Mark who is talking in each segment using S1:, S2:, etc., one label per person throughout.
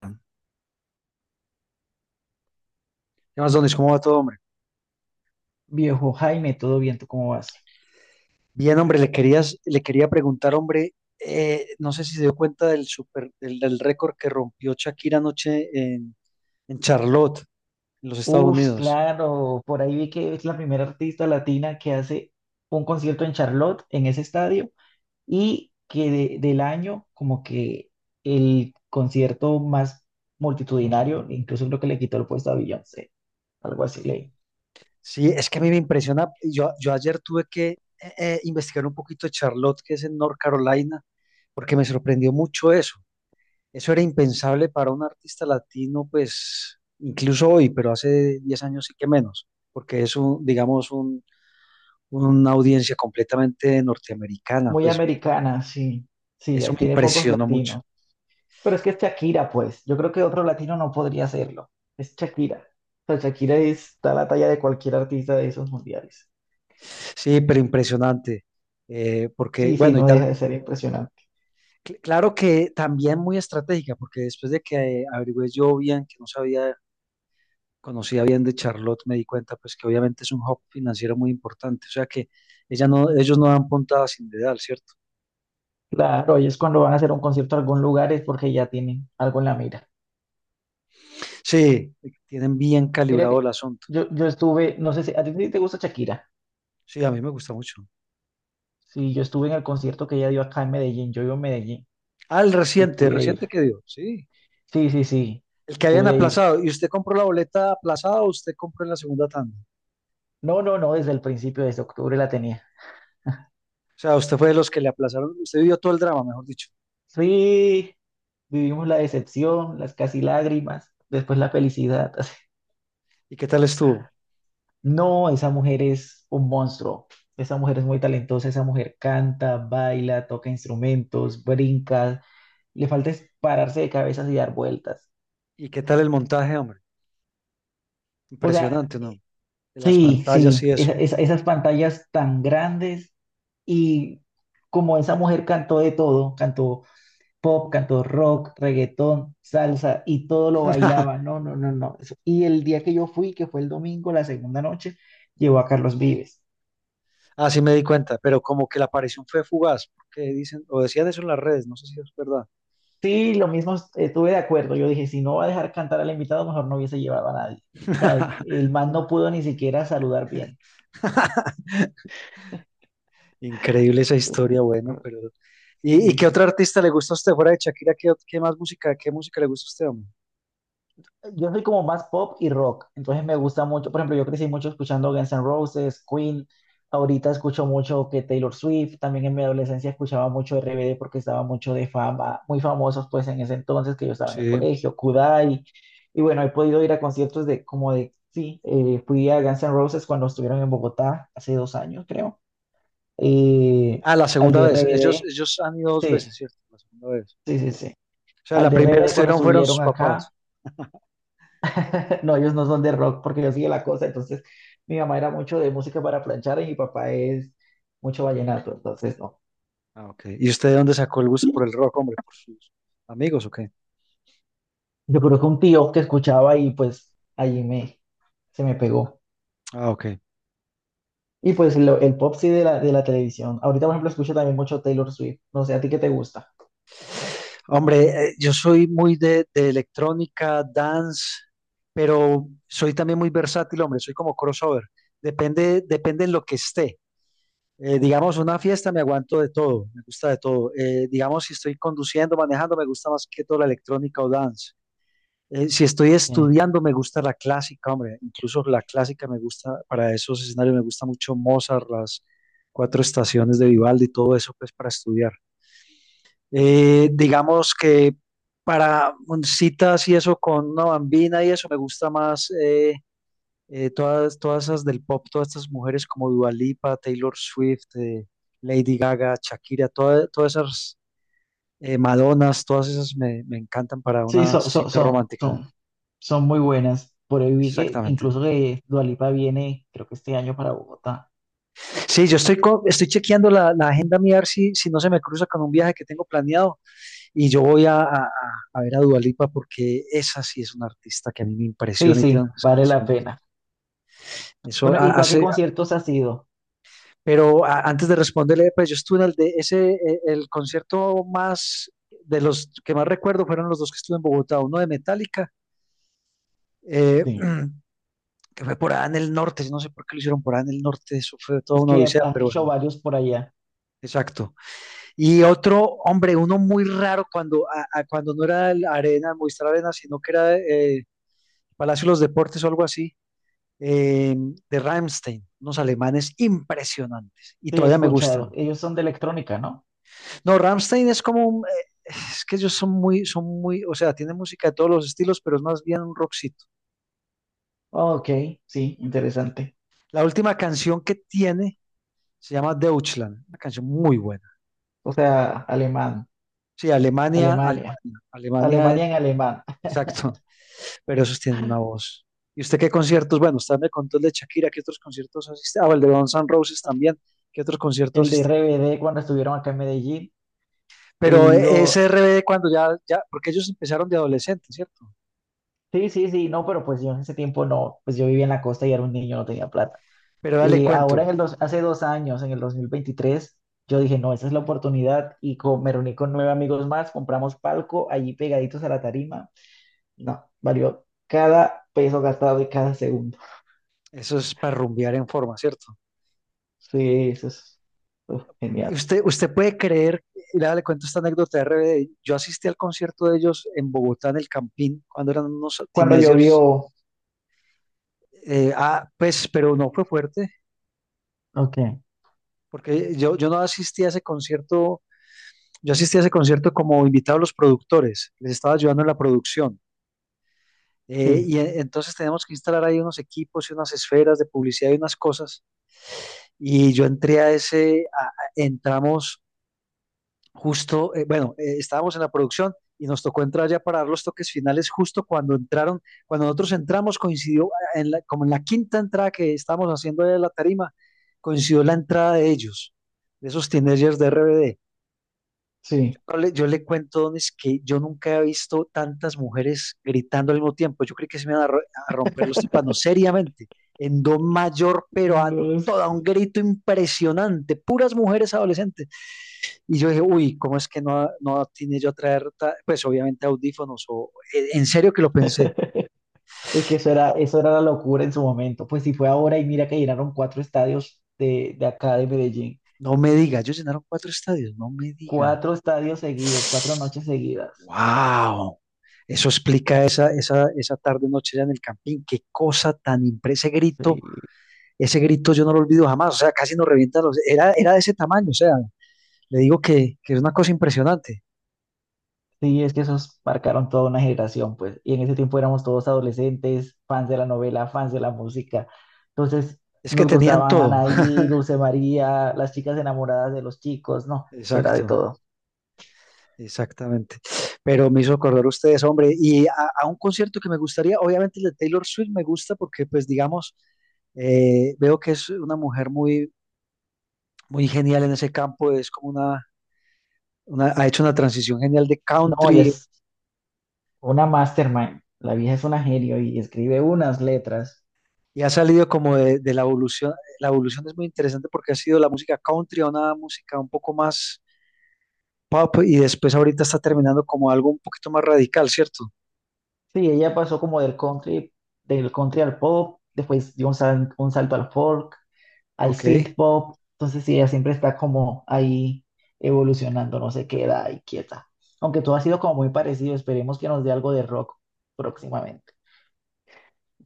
S1: ¿Qué más, Donis? ¿Cómo va todo, hombre?
S2: Viejo Jaime, todo bien, ¿tú cómo vas?
S1: Bien, hombre, le quería preguntar, hombre, no sé si se dio cuenta del récord que rompió Shakira anoche en Charlotte, en los Estados
S2: Uf,
S1: Unidos.
S2: claro, por ahí vi que es la primera artista latina que hace un concierto en Charlotte, en ese estadio, y que del año, como que el concierto más multitudinario, incluso creo que le quitó el puesto a Beyoncé, algo así leí.
S1: Sí, es que a mí me impresiona. Yo ayer tuve que investigar un poquito de Charlotte, que es en North Carolina, porque me sorprendió mucho eso. Eso era impensable para un artista latino, pues, incluso hoy, pero hace 10 años sí que menos, porque es un, digamos, una audiencia completamente norteamericana,
S2: Muy
S1: pues
S2: americana, sí, sí,
S1: eso
S2: ahí
S1: me
S2: tiene pocos
S1: impresionó mucho.
S2: latinos. Pero es que es Shakira, pues, yo creo que otro latino no podría hacerlo, es Shakira. O sea, Shakira está a la talla de cualquier artista de esos mundiales.
S1: Sí, pero impresionante, porque,
S2: Sí, sí,
S1: bueno,
S2: no deja de ser impresionante.
S1: claro que también muy estratégica, porque después de que averigüé yo bien, que no sabía, conocía bien de Charlotte, me di cuenta, pues que obviamente es un hub financiero muy importante, o sea que ella no, ellos no dan puntada sin dedal, ¿cierto?
S2: Claro, ellos cuando van a hacer un concierto a algún lugar es porque ya tienen algo en la mira.
S1: Sí, tienen bien
S2: Mira
S1: calibrado
S2: que
S1: el asunto.
S2: yo estuve, no sé si a ti te gusta Shakira.
S1: Sí, a mí me gusta mucho.
S2: Sí, yo estuve en el concierto que ella dio acá en Medellín. Yo vivo en Medellín
S1: Ah,
S2: y
S1: el
S2: pude ir.
S1: reciente que dio, sí.
S2: Sí, sí, sí,
S1: El que habían
S2: pude ir.
S1: aplazado. ¿Y usted compró la boleta aplazada o usted compró en la segunda tanda? O
S2: No, no, no, desde el principio, desde octubre la tenía.
S1: sea, usted fue de los que le aplazaron. Usted vivió todo el drama, mejor dicho.
S2: Sí, vivimos la decepción, las casi lágrimas, después la felicidad.
S1: ¿Y qué tal estuvo?
S2: No, esa mujer es un monstruo. Esa mujer es muy talentosa, esa mujer canta, baila, toca instrumentos, brinca. Le falta es pararse de cabezas y dar vueltas.
S1: ¿Y qué tal el montaje, hombre?
S2: O sea,
S1: Impresionante, ¿no? De las
S2: sí,
S1: pantallas
S2: sí,
S1: y eso.
S2: esas pantallas tan grandes y como esa mujer cantó de todo, cantó pop, cantó rock, reggaetón, salsa y todo lo bailaba. No, no, no, no. Y el día que yo fui, que fue el domingo, la segunda noche, llevó a Carlos Vives.
S1: Así me di cuenta, pero como que la aparición fue fugaz, porque dicen, o decían eso en las redes, no sé si es verdad.
S2: Sí, lo mismo estuve de acuerdo. Yo dije, si no va a dejar cantar al invitado, mejor no hubiese llevado a nadie. O sea, el man no pudo ni siquiera saludar bien.
S1: Increíble esa historia, bueno, pero... ¿Y qué otro
S2: Sí.
S1: artista le gusta a usted fuera de Shakira? ¿Qué más música, qué música le gusta a usted, hombre?
S2: Yo soy como más pop y rock, entonces me gusta mucho. Por ejemplo, yo crecí mucho escuchando Guns N' Roses, Queen. Ahorita escucho mucho que Taylor Swift. También en mi adolescencia escuchaba mucho RBD porque estaba mucho de fama, muy famosos pues en ese entonces que yo estaba en el
S1: Sí.
S2: colegio, Kudai. Y bueno, he podido ir a conciertos de como de, sí, fui a Guns N' Roses cuando estuvieron en Bogotá hace 2 años, creo. Eh,
S1: Ah, la
S2: al
S1: segunda
S2: de
S1: vez.
S2: RBD,
S1: Ellos han ido dos veces,
S2: sí,
S1: ¿cierto? La segunda vez.
S2: sí, sí, sí.
S1: O sea,
S2: Al
S1: la
S2: de
S1: primera
S2: RBD cuando
S1: estuvieron fueron sus
S2: estuvieron acá.
S1: papás.
S2: No, ellos no son de rock porque yo sigue la cosa. Entonces, mi mamá era mucho de música para planchar y mi papá es mucho vallenato. Entonces, no.
S1: Ah, ok. ¿Y usted de dónde sacó el gusto por el rock, hombre? ¿Por sus amigos o qué?
S2: Yo creo que un tío que escuchaba y pues allí me, se me pegó.
S1: Ah, ok.
S2: Y pues el pop sí de la, televisión. Ahorita, por ejemplo, escucho también mucho Taylor Swift. No sé, ¿a ti qué te gusta?
S1: Hombre, yo soy muy de electrónica, dance, pero soy también muy versátil, hombre. Soy como crossover. Depende en lo que esté. Digamos, una fiesta me aguanto de todo, me gusta de todo. Digamos, si estoy conduciendo, manejando, me gusta más que todo la electrónica o dance. Si estoy
S2: Okay.
S1: estudiando, me gusta la clásica, hombre, incluso la clásica me gusta, para esos escenarios me gusta mucho Mozart, las cuatro estaciones de
S2: Mm.
S1: Vivaldi y todo eso, pues para estudiar. Digamos que para citas y eso con una bambina y eso me gusta más todas esas del pop, todas estas mujeres como Dua Lipa, Taylor Swift, Lady Gaga, Shakira, todas esas Madonas, todas esas me encantan para
S2: Sí,
S1: una
S2: son, son,
S1: cita
S2: son,
S1: romántica.
S2: son, son muy buenas. Por ahí vi que
S1: Exactamente.
S2: incluso que Dua Lipa viene, creo que este año para Bogotá.
S1: Sí, estoy chequeando la agenda mía a ver si, si no se me cruza con un viaje que tengo planeado y yo voy a ver a Dua Lipa porque esa sí es una artista que a mí me
S2: Sí,
S1: impresiona y tiene
S2: sí,
S1: unas
S2: vale la
S1: canciones.
S2: pena.
S1: Eso
S2: Bueno, ¿y
S1: ha-
S2: tú a qué
S1: hace,
S2: conciertos has ido?
S1: pero antes de responderle, pues yo estuve en el de ese, de los que más recuerdo fueron los dos que estuve en Bogotá, uno de Metallica, eh,
S2: Sí.
S1: que fue por allá en el norte, no sé por qué lo hicieron por allá en el norte, eso fue toda
S2: Es
S1: una
S2: que
S1: odisea,
S2: han
S1: pero
S2: hecho
S1: bueno,
S2: varios por allá.
S1: exacto. Y otro, hombre, uno muy raro cuando, cuando no era Movistar Arena, sino que era Palacio de los Deportes o algo así, eh, de Rammstein, unos alemanes impresionantes y
S2: Sí, he
S1: todavía me
S2: escuchado.
S1: gustan.
S2: Ellos son de electrónica, ¿no?
S1: No, Rammstein es como un, es que ellos son muy, o sea, tienen música de todos los estilos, pero es más bien un rockcito.
S2: Oh, Ok, sí, interesante.
S1: La última canción que tiene se llama Deutschland, una canción muy buena.
S2: O sea, alemán,
S1: Sí,
S2: Alemania,
S1: Alemania,
S2: Alemania en alemán.
S1: exacto. Pero esos tienen una voz. ¿Y usted qué conciertos? Bueno, usted me contó el de Shakira, ¿qué otros conciertos asiste? Ah, el de Guns N' Roses también, ¿qué otros conciertos
S2: El de
S1: asiste?
S2: RBD cuando estuvieron acá en Medellín, he
S1: Pero
S2: ido.
S1: SRB cuando ya, porque ellos empezaron de adolescentes, ¿cierto?
S2: Sí, sí, sí, no, pero pues yo en ese tiempo no, pues yo vivía en la costa y era un niño, no tenía plata.
S1: Pero dale
S2: Ahora
S1: cuento,
S2: hace 2 años, en el 2023, yo dije, no, esa es la oportunidad y me reuní con nueve amigos más, compramos palco allí pegaditos a la tarima. No, valió cada peso gastado y cada segundo.
S1: eso es para rumbear en forma, ¿cierto?
S2: Sí, eso es uf,
S1: Y
S2: genial.
S1: usted puede creer, y dale cuento esta anécdota de RBD, yo asistí al concierto de ellos en Bogotá, en el Campín, cuando eran unos
S2: Cuando
S1: teenagers,
S2: llovió,
S1: pues, pero no fue fuerte,
S2: ok,
S1: porque yo no asistí a ese concierto. Yo asistí a ese concierto como invitado a los productores, les estaba ayudando en la producción.
S2: sí,
S1: Entonces tenemos que instalar ahí unos equipos y unas esferas de publicidad y unas cosas. Y yo entré a ese, a- entramos justo, estábamos en la producción y nos tocó entrar ya para dar los toques finales justo cuando entraron, cuando nosotros entramos coincidió como en la quinta entrada que estábamos haciendo de la tarima, coincidió la entrada de ellos, de esos teenagers de RBD.
S2: sí.
S1: No le- yo le cuento, Donis, que yo nunca he visto tantas mujeres gritando al mismo tiempo. Yo creí que se me iban a, ro- a romper los tímpanos, seriamente, en do mayor, pero a
S2: No sé.
S1: toda un grito impresionante, puras mujeres adolescentes. Y yo dije, uy, ¿cómo es que no tiene yo a traer, pues obviamente audífonos? O, en serio que lo pensé.
S2: Es que eso era la locura en su momento. Pues si fue ahora y mira que llenaron cuatro estadios de acá de Medellín.
S1: No me diga, ellos llenaron cuatro estadios, no me diga.
S2: Cuatro estadios seguidos, 4 noches seguidas.
S1: ¡Wow! Eso explica esa tarde, noche allá en el campín. Qué cosa tan impresionante, grito
S2: Sí.
S1: ese grito yo no lo olvido jamás, o sea, casi nos revienta los... era de ese tamaño, o sea, le digo que es una cosa impresionante.
S2: Sí, es que esos marcaron toda una generación, pues. Y en ese tiempo éramos todos adolescentes, fans de la novela, fans de la música. Entonces,
S1: Es que
S2: nos
S1: tenían
S2: gustaban
S1: todo.
S2: Anaí, Dulce María, las chicas enamoradas de los chicos, no, eso era de
S1: Exacto,
S2: todo.
S1: exactamente. Pero me hizo acordar ustedes, hombre, a un concierto que me gustaría, obviamente el de Taylor Swift me gusta porque, pues, digamos, veo que es una mujer muy genial en ese campo, es como una, ha hecho una transición genial de
S2: No, ella
S1: country
S2: es una mastermind. La vieja es una genio y escribe unas letras.
S1: y ha salido como de la evolución. La evolución es muy interesante porque ha sido la música country a una música un poco más pop y después ahorita está terminando como algo un poquito más radical, ¿cierto?
S2: Sí, ella pasó como del country al pop, después dio un salto al folk, al
S1: Ok.
S2: synth pop. Entonces sí, ella siempre está como ahí evolucionando, no se queda ahí quieta. Aunque todo ha sido como muy parecido, esperemos que nos dé algo de rock próximamente.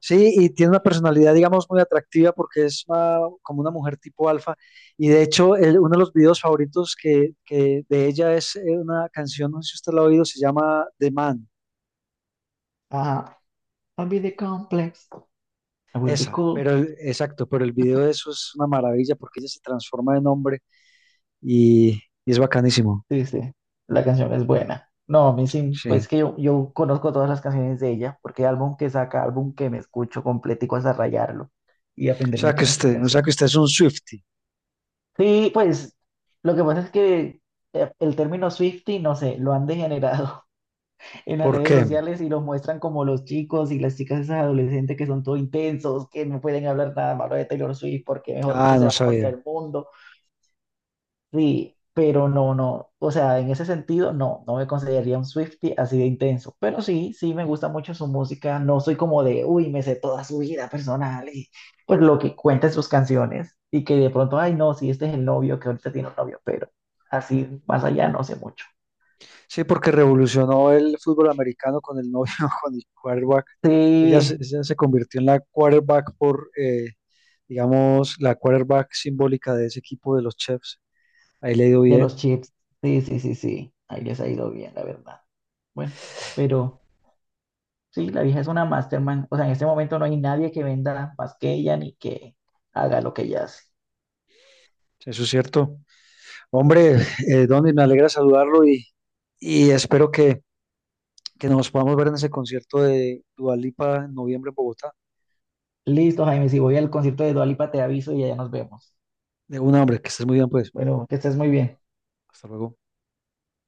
S1: Sí, y tiene una personalidad, digamos, muy atractiva porque como una mujer tipo alfa. Y de hecho, uno de los videos favoritos que de ella es una canción, no sé si usted la ha oído, se llama The Man.
S2: Ajá. I'll be the complex. I will be
S1: Esa, pero
S2: cool.
S1: pero el video de eso es una maravilla porque ella se transforma en hombre y es bacanísimo.
S2: Sí, sí, la canción es buena. No, a mí sí,
S1: Sí.
S2: pues que yo conozco todas las canciones de ella, porque álbum que saca, álbum que me escucho completico hasta rayarlo y aprenderme todas las
S1: O sea que usted
S2: canciones.
S1: es un Swiftie.
S2: Sí, pues lo que pasa es que el término Swiftie, no sé, lo han degenerado en las
S1: ¿Por
S2: redes
S1: qué?
S2: sociales y los muestran como los chicos y las chicas esas adolescentes que son todo intensos, que no pueden hablar nada malo de Taylor Swift porque, mejor dicho,
S1: Ah,
S2: se
S1: no
S2: va contra
S1: sabía.
S2: el mundo. Sí, pero no, no, o sea, en ese sentido, no, no me consideraría un Swiftie así de intenso, pero sí, sí me gusta mucho su música, no soy como de, uy, me sé toda su vida personal y pues lo que cuenta en sus canciones y que de pronto, ay, no, sí, este es el novio que ahorita tiene un novio, pero así más allá no sé mucho.
S1: Sí, porque revolucionó el fútbol americano con el novio, con el quarterback.
S2: Sí,
S1: Ella se convirtió en la quarterback por, digamos, la quarterback simbólica de ese equipo de los Chiefs. Ahí le ha
S2: de los
S1: bien,
S2: chips. Sí, sí, sí, sí. Ahí les ha ido bien, la verdad. Bueno, pero sí, la vieja es una mastermind. O sea, en este momento no hay nadie que venda más que ella ni que haga lo que ella hace.
S1: eso es cierto. Hombre, Donny, me alegra saludarlo y espero que nos podamos ver en ese concierto de Dua Lipa en noviembre en Bogotá.
S2: Listo, Jaime. Si voy al concierto de Dua Lipa, te aviso y allá nos vemos.
S1: De un hombre, que estés muy bien, pues.
S2: Bueno, que estés muy bien.
S1: Hasta luego.